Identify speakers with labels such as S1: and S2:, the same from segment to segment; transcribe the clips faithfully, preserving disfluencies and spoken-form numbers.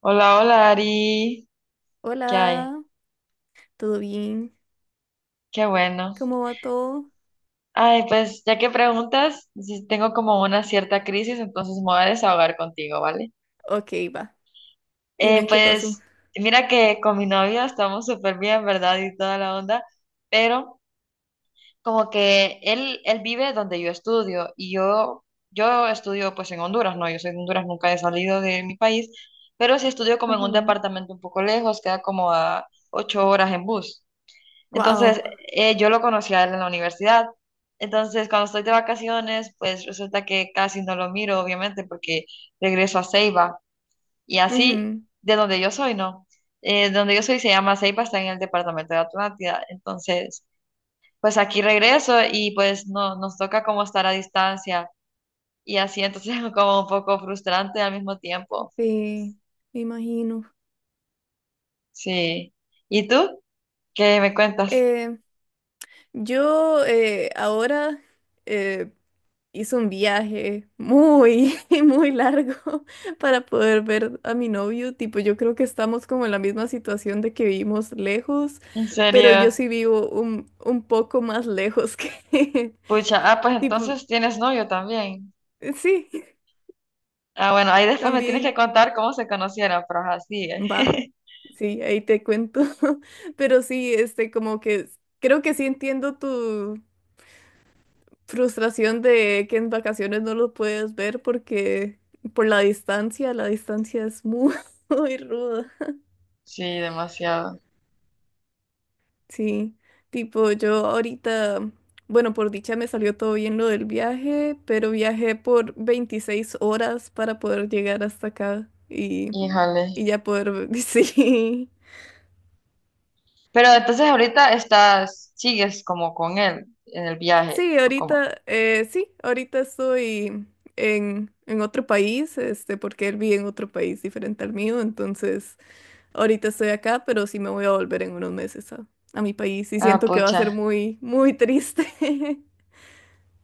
S1: Hola, hola Ari, ¿qué hay?
S2: Hola, ¿todo bien?
S1: Qué bueno.
S2: ¿Cómo va todo?
S1: Ay, pues ya que preguntas, si tengo como una cierta crisis, entonces me voy a desahogar contigo, ¿vale?
S2: Ok, va.
S1: Eh,
S2: Dime qué pasó.
S1: pues mira que con mi novio estamos súper bien, ¿verdad? Y toda la onda, pero como que él, él vive donde yo estudio y yo, yo estudio pues en Honduras, ¿no? Yo soy de Honduras, nunca he salido de mi país, pero sí estudio como en un
S2: Ajá.
S1: departamento un poco lejos, queda como a ocho horas en bus.
S2: Wow.
S1: Entonces, eh, yo lo conocí a él en la universidad. Entonces, cuando estoy de vacaciones, pues resulta que casi no lo miro, obviamente, porque regreso a Ceiba. Y así,
S2: Ujú.
S1: de donde yo soy, ¿no? Eh, de donde yo soy se llama Ceiba, está en el departamento de Atlántida. Entonces, pues aquí regreso y pues no, nos toca como estar a distancia. Y así, entonces, como un poco frustrante al mismo tiempo.
S2: Sí, me imagino.
S1: Sí. ¿Y tú? ¿Qué me cuentas?
S2: Eh, yo eh, ahora eh, hice un viaje muy, muy largo para poder ver a mi novio. Tipo, yo creo que estamos como en la misma situación de que vivimos lejos,
S1: ¿En
S2: pero yo
S1: serio?
S2: sí vivo un, un poco más lejos que
S1: Pucha, ah, pues
S2: Tipo,
S1: entonces tienes novio también.
S2: sí,
S1: Ah, bueno, ahí después me tienes que
S2: también.
S1: contar cómo se conocieron, pero ajá, sigue.
S2: Va, sí, ahí te cuento. Pero sí, este, como que creo que sí entiendo tu frustración de que en vacaciones no lo puedes ver porque por la distancia, la distancia es muy, muy ruda.
S1: Sí, demasiado.
S2: Sí, tipo yo ahorita, bueno, por dicha me salió todo bien lo del viaje, pero viajé por veintiséis horas para poder llegar hasta acá y,
S1: Híjole.
S2: y ya poder, sí.
S1: Pero entonces ahorita estás, sigues como con él en el viaje,
S2: Sí,
S1: o como.
S2: ahorita, eh, sí, ahorita estoy en, en otro país, este, porque él vive en otro país diferente al mío, entonces ahorita estoy acá, pero sí me voy a volver en unos meses a, a mi país y
S1: Ah,
S2: siento que va a ser
S1: pucha.
S2: muy, muy triste.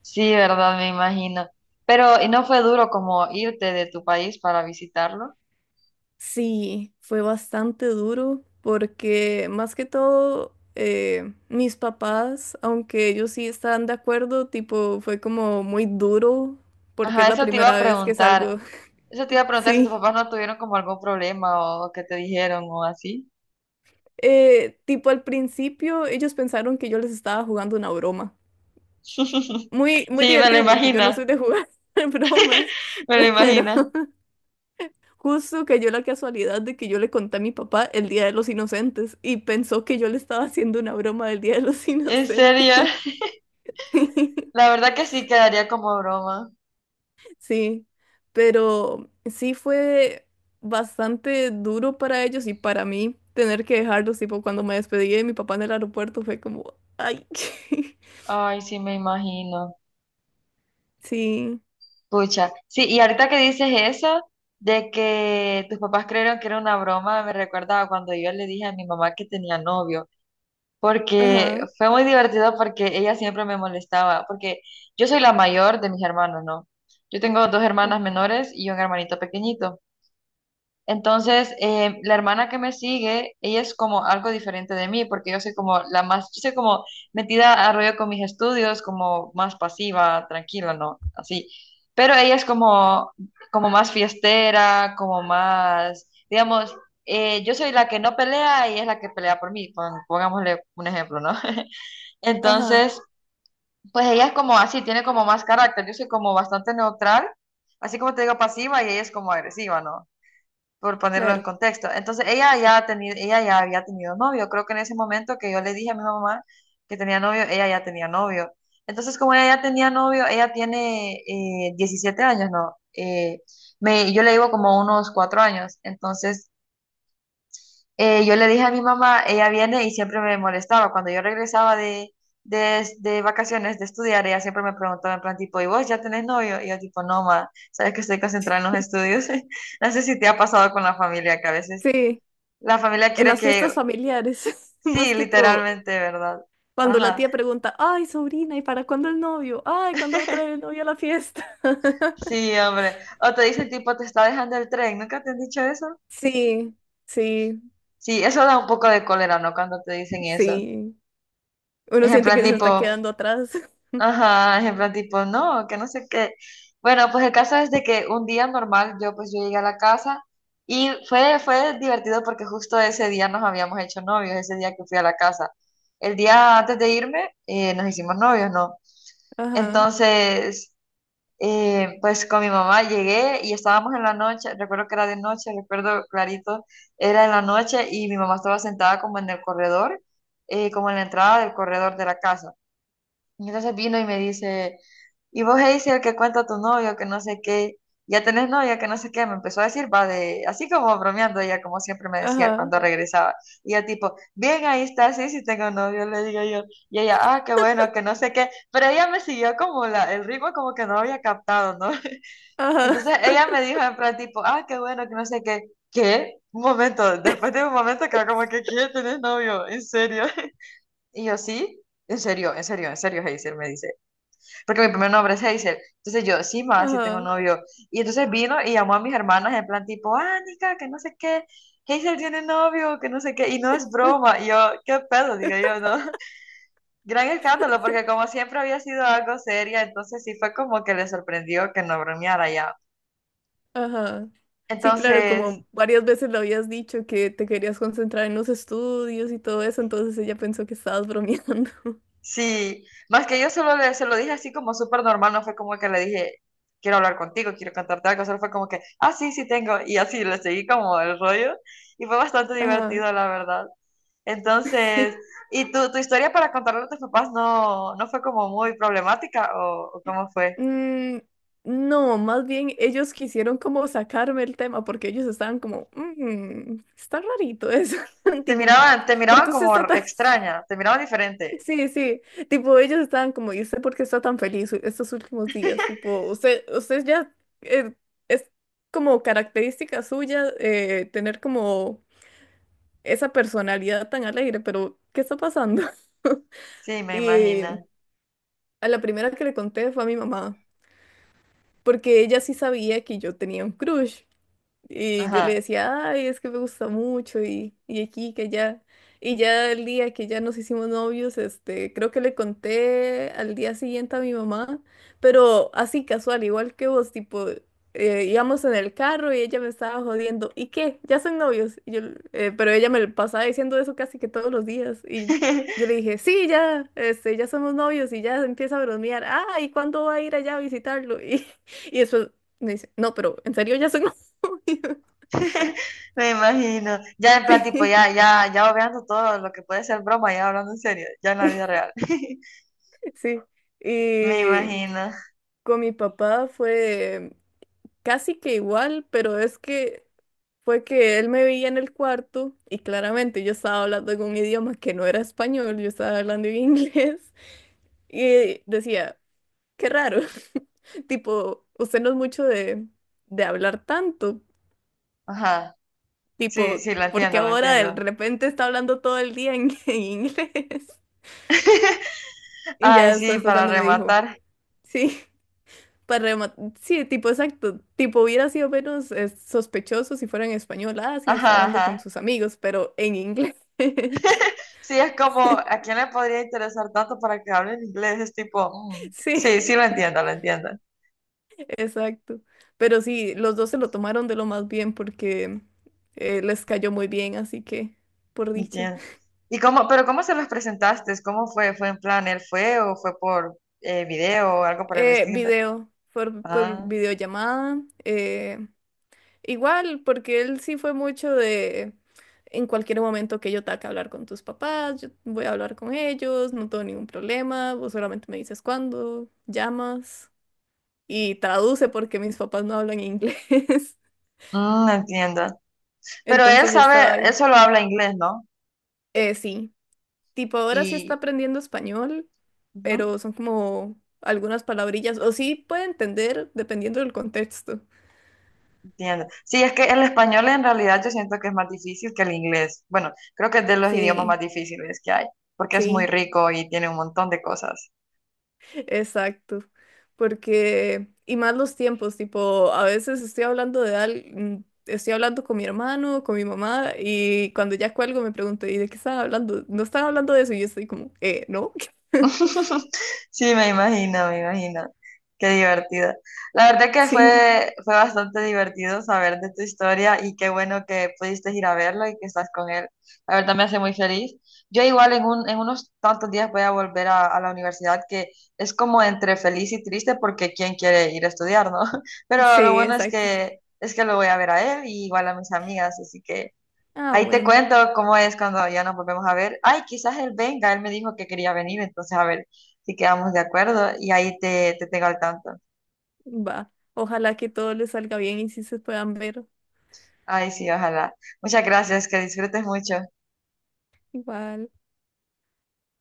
S1: Sí, verdad, me imagino. Pero, ¿y no fue duro como irte de tu país para visitarlo?
S2: Sí, fue bastante duro porque más que todo eh, mis papás, aunque ellos sí estaban de acuerdo, tipo, fue como muy duro porque
S1: Ajá,
S2: es la
S1: eso te iba a
S2: primera vez que
S1: preguntar.
S2: salgo.
S1: Eso te iba a preguntar si tus
S2: Sí.
S1: papás no tuvieron como algún problema o que te dijeron o así.
S2: Eh, tipo al principio ellos pensaron que yo les estaba jugando una broma. Muy, muy
S1: Sí, me lo
S2: divertido porque yo no
S1: imagino,
S2: soy de jugar bromas,
S1: me lo
S2: pero
S1: imagino.
S2: justo cayó la casualidad de que yo le conté a mi papá el Día de los Inocentes y pensó que yo le estaba haciendo una broma del Día de los
S1: ¿En
S2: Inocentes.
S1: serio? La verdad que sí quedaría como broma.
S2: Sí, pero sí fue bastante duro para ellos y para mí tener que dejarlos, tipo cuando me despedí de mi papá en el aeropuerto fue como, ay.
S1: Ay, sí, me imagino.
S2: Sí,
S1: Pucha. Sí, y ahorita que dices eso, de que tus papás creyeron que era una broma, me recuerda a cuando yo le dije a mi mamá que tenía novio, porque
S2: ajá.
S1: fue muy divertido porque ella siempre me molestaba, porque yo soy la mayor de mis hermanos, ¿no? Yo tengo dos hermanas
S2: Ah,
S1: menores y un hermanito pequeñito. Entonces, eh, la hermana que me sigue, ella es como algo diferente de mí, porque yo soy como la más, yo soy como metida a rollo con mis estudios, como más pasiva, tranquila, ¿no? Así. Pero ella es como, como más fiestera, como más, digamos, eh, yo soy la que no pelea y es la que pelea por mí, pon- pongámosle un ejemplo, ¿no?
S2: ajá,
S1: Entonces, pues ella es como así, tiene como más carácter, yo soy como bastante neutral, así como te digo pasiva y ella es como agresiva, ¿no? Por ponerlo en
S2: claro.
S1: contexto. Entonces ella ya, ha tenido, ella ya había tenido novio. Creo que en ese momento que yo le dije a mi mamá que tenía novio, ella ya tenía novio. Entonces como ella ya tenía novio, ella tiene eh, diecisiete años, ¿no? Eh, me, yo le llevo como unos cuatro años. Entonces eh, yo le dije a mi mamá, ella viene y siempre me molestaba. Cuando yo regresaba de, de, de vacaciones, de estudiar, ella siempre me preguntaba en plan tipo, ¿y vos ya tenés novio? Y yo tipo, no, ma, sabes que estoy concentrada en los estudios. No sé si te ha pasado con la familia que a veces
S2: Sí,
S1: la familia
S2: en
S1: quiere
S2: las fiestas
S1: que,
S2: familiares, más
S1: sí,
S2: que todo.
S1: literalmente, ¿verdad?
S2: Cuando la
S1: Ajá,
S2: tía pregunta, ay, sobrina, ¿y para cuándo el novio? Ay, ¿cuándo va a traer el novio a la fiesta?
S1: sí, hombre. O te dicen tipo, te está dejando el tren, ¿nunca te han dicho eso?
S2: Sí, sí,
S1: Sí, eso da un poco de cólera, ¿no? Cuando te dicen eso.
S2: sí. Uno
S1: Es en
S2: siente
S1: plan
S2: que se está
S1: tipo,
S2: quedando atrás.
S1: ajá, es en plan tipo, no, que no sé qué. Bueno, pues el caso es de que un día normal, yo pues yo llegué a la casa y fue, fue divertido porque justo ese día nos habíamos hecho novios, ese día que fui a la casa. El día antes de irme, eh, nos hicimos novios, ¿no?
S2: Ajá,
S1: Entonces... Eh, pues con mi mamá llegué y estábamos en la noche, recuerdo que era de noche, recuerdo clarito, era en la noche y mi mamá estaba sentada como en el corredor, eh, como en la entrada del corredor de la casa. Y entonces vino y me dice, y vos, Hazel, el que cuenta a tu novio, que no sé qué, ya tenés novia, que no sé qué, me empezó a decir, va de, así como bromeando ella, como siempre me decía
S2: ajá,
S1: cuando regresaba. Y yo tipo, bien, ahí está, sí, sí tengo novio, le digo yo. Y ella, ah, qué bueno, que no sé qué. Pero ella me siguió como la, el ritmo como que no había captado, ¿no?
S2: ajá,
S1: Entonces ella me dijo en plan tipo, ah, qué bueno, que no sé qué. ¿Qué? Un momento, después de un momento quedó como que, ¿qué? ¿Tenés novio? ¿En serio? Y yo, sí, en serio, en serio, en serio, Hazel, me dice porque mi primer nombre es Hazel. Entonces yo, sí, más, sí tengo
S2: ajá,
S1: novio. Y entonces vino y llamó a mis hermanas en plan tipo, Anika, que no sé qué, Hazel tiene novio, que no sé qué, y no es broma. Y yo, qué pedo, digo yo, ¿no? Gran escándalo, porque como siempre había sido algo seria, entonces sí fue como que le sorprendió que no bromeara ya.
S2: ajá. Sí, claro,
S1: Entonces,
S2: como varias veces le habías dicho que te querías concentrar en los estudios y todo eso, entonces ella pensó que estabas bromeando.
S1: sí, más que yo solo le, se lo dije así como súper normal, no fue como que le dije, quiero hablar contigo, quiero cantarte algo, solo fue como que, ah, sí, sí tengo, y así le seguí como el rollo, y fue bastante
S2: Ajá.
S1: divertido, la verdad. Entonces, ¿y tu, tu historia para contarle a tus papás no, no fue como muy problemática o, o cómo fue?
S2: Mm, no, más bien ellos quisieron como sacarme el tema porque ellos estaban como, "Mm, está rarito eso,
S1: Te
S2: tipo,
S1: miraban, te
S2: ¿por
S1: miraban
S2: qué usted
S1: como
S2: está tan
S1: extraña, te miraban diferente.
S2: Sí, sí, tipo ellos estaban como, ¿y usted por qué está tan feliz u- estos últimos días? Tipo, usted, usted ya eh, es como característica suya eh, tener como esa personalidad tan alegre, pero ¿qué está pasando?
S1: Sí, me
S2: Y
S1: imagino.
S2: a la primera que le conté fue a mi mamá, porque ella sí sabía que yo tenía un crush. Y yo le
S1: Ajá.
S2: decía, ay, es que me gusta mucho y, y aquí, que allá. Y ya el día que ya nos hicimos novios, este, creo que le conté al día siguiente a mi mamá, pero así casual, igual que vos, tipo, eh, íbamos en el carro y ella me estaba jodiendo, ¿y qué? ¿Ya son novios? Y yo, eh, pero ella me lo pasaba diciendo eso casi que todos los días. Y yo le dije, sí, ya, este, ya somos novios y ya empieza a bromear, ah, ¿y cuándo va a ir allá a visitarlo? Y, y después me dice, no, pero en serio ya son
S1: Me imagino. Ya en plan, tipo,
S2: Sí,
S1: ya, ya, ya obviando todo lo que puede ser broma, ya hablando en serio, ya en la vida real.
S2: sí.
S1: Me
S2: Y
S1: imagino.
S2: con mi papá fue casi que igual, pero es que fue que él me veía en el cuarto y claramente yo estaba hablando en un idioma que no era español, yo estaba hablando en inglés y decía, qué raro, tipo, usted no es mucho de, de hablar tanto,
S1: Ajá. Sí,
S2: tipo,
S1: sí, lo
S2: porque
S1: entiendo, lo
S2: ahora de
S1: entiendo.
S2: repente está hablando todo el día en, en inglés? Y
S1: Ay,
S2: ya
S1: sí,
S2: después fue
S1: para
S2: cuando me dijo,
S1: rematar.
S2: sí. Para rema- sí, tipo exacto. Tipo hubiera sido menos eh, sospechoso si fuera en español. Ah, sí, está
S1: Ajá,
S2: hablando con
S1: ajá.
S2: sus amigos, pero en inglés.
S1: Sí, es como, ¿a quién le podría interesar tanto para que hable en inglés? Es tipo, mm, sí,
S2: Sí,
S1: sí, lo entiendo, lo entiendo.
S2: exacto. Pero sí, los dos se lo tomaron de lo más bien porque eh, les cayó muy bien, así que por dicha.
S1: Entiendo. ¿Y cómo, pero cómo se los presentaste? ¿Cómo fue? ¿Fue en plan, él fue o fue por eh, video o algo por el
S2: Eh,
S1: estilo?
S2: video, por, por
S1: Ah,
S2: videollamada. eh, Igual, porque él sí fue mucho de en cualquier momento que yo tenga que hablar con tus papás, yo voy a hablar con ellos, no tengo ningún problema, vos solamente me dices cuándo, llamas y traduce porque mis papás no hablan inglés.
S1: mm, entiendo. Pero él
S2: Entonces yo estaba
S1: sabe, él
S2: ahí.
S1: solo habla inglés, ¿no?
S2: Eh, sí, tipo ahora sí está
S1: Y
S2: aprendiendo español,
S1: ujú,
S2: pero son como algunas palabrillas, o sí puede entender dependiendo del contexto.
S1: entiendo. Sí, es que el español en realidad yo siento que es más difícil que el inglés. Bueno, creo que es de los idiomas más
S2: Sí,
S1: difíciles que hay, porque es muy
S2: sí.
S1: rico y tiene un montón de cosas.
S2: Exacto, porque, y más los tiempos, tipo, a veces estoy hablando de al mm, estoy hablando con mi hermano, con mi mamá, y cuando ya cuelgo me pregunto, ¿y de qué están hablando? No están hablando de eso, y yo estoy como, eh, ¿no?
S1: Sí, me imagino, me imagino. Qué divertido. La verdad que
S2: Sí,
S1: fue, fue bastante divertido saber de tu historia y qué bueno que pudiste ir a verlo y que estás con él. La verdad me hace muy feliz. Yo igual en un, en unos tantos días voy a volver a, a la universidad, que es como entre feliz y triste porque quién quiere ir a estudiar, ¿no? Pero lo
S2: sí,
S1: bueno es
S2: exacto.
S1: que es que lo voy a ver a él y igual a mis amigas, así que
S2: Ah,
S1: ahí te
S2: bueno,
S1: cuento cómo es cuando ya nos volvemos a ver. Ay, quizás él venga, él me dijo que quería venir, entonces a ver si quedamos de acuerdo y ahí te, te tengo al tanto.
S2: va. Ojalá que todo les salga bien y si se puedan ver
S1: Ay, sí, ojalá. Muchas gracias, que disfrutes mucho.
S2: igual.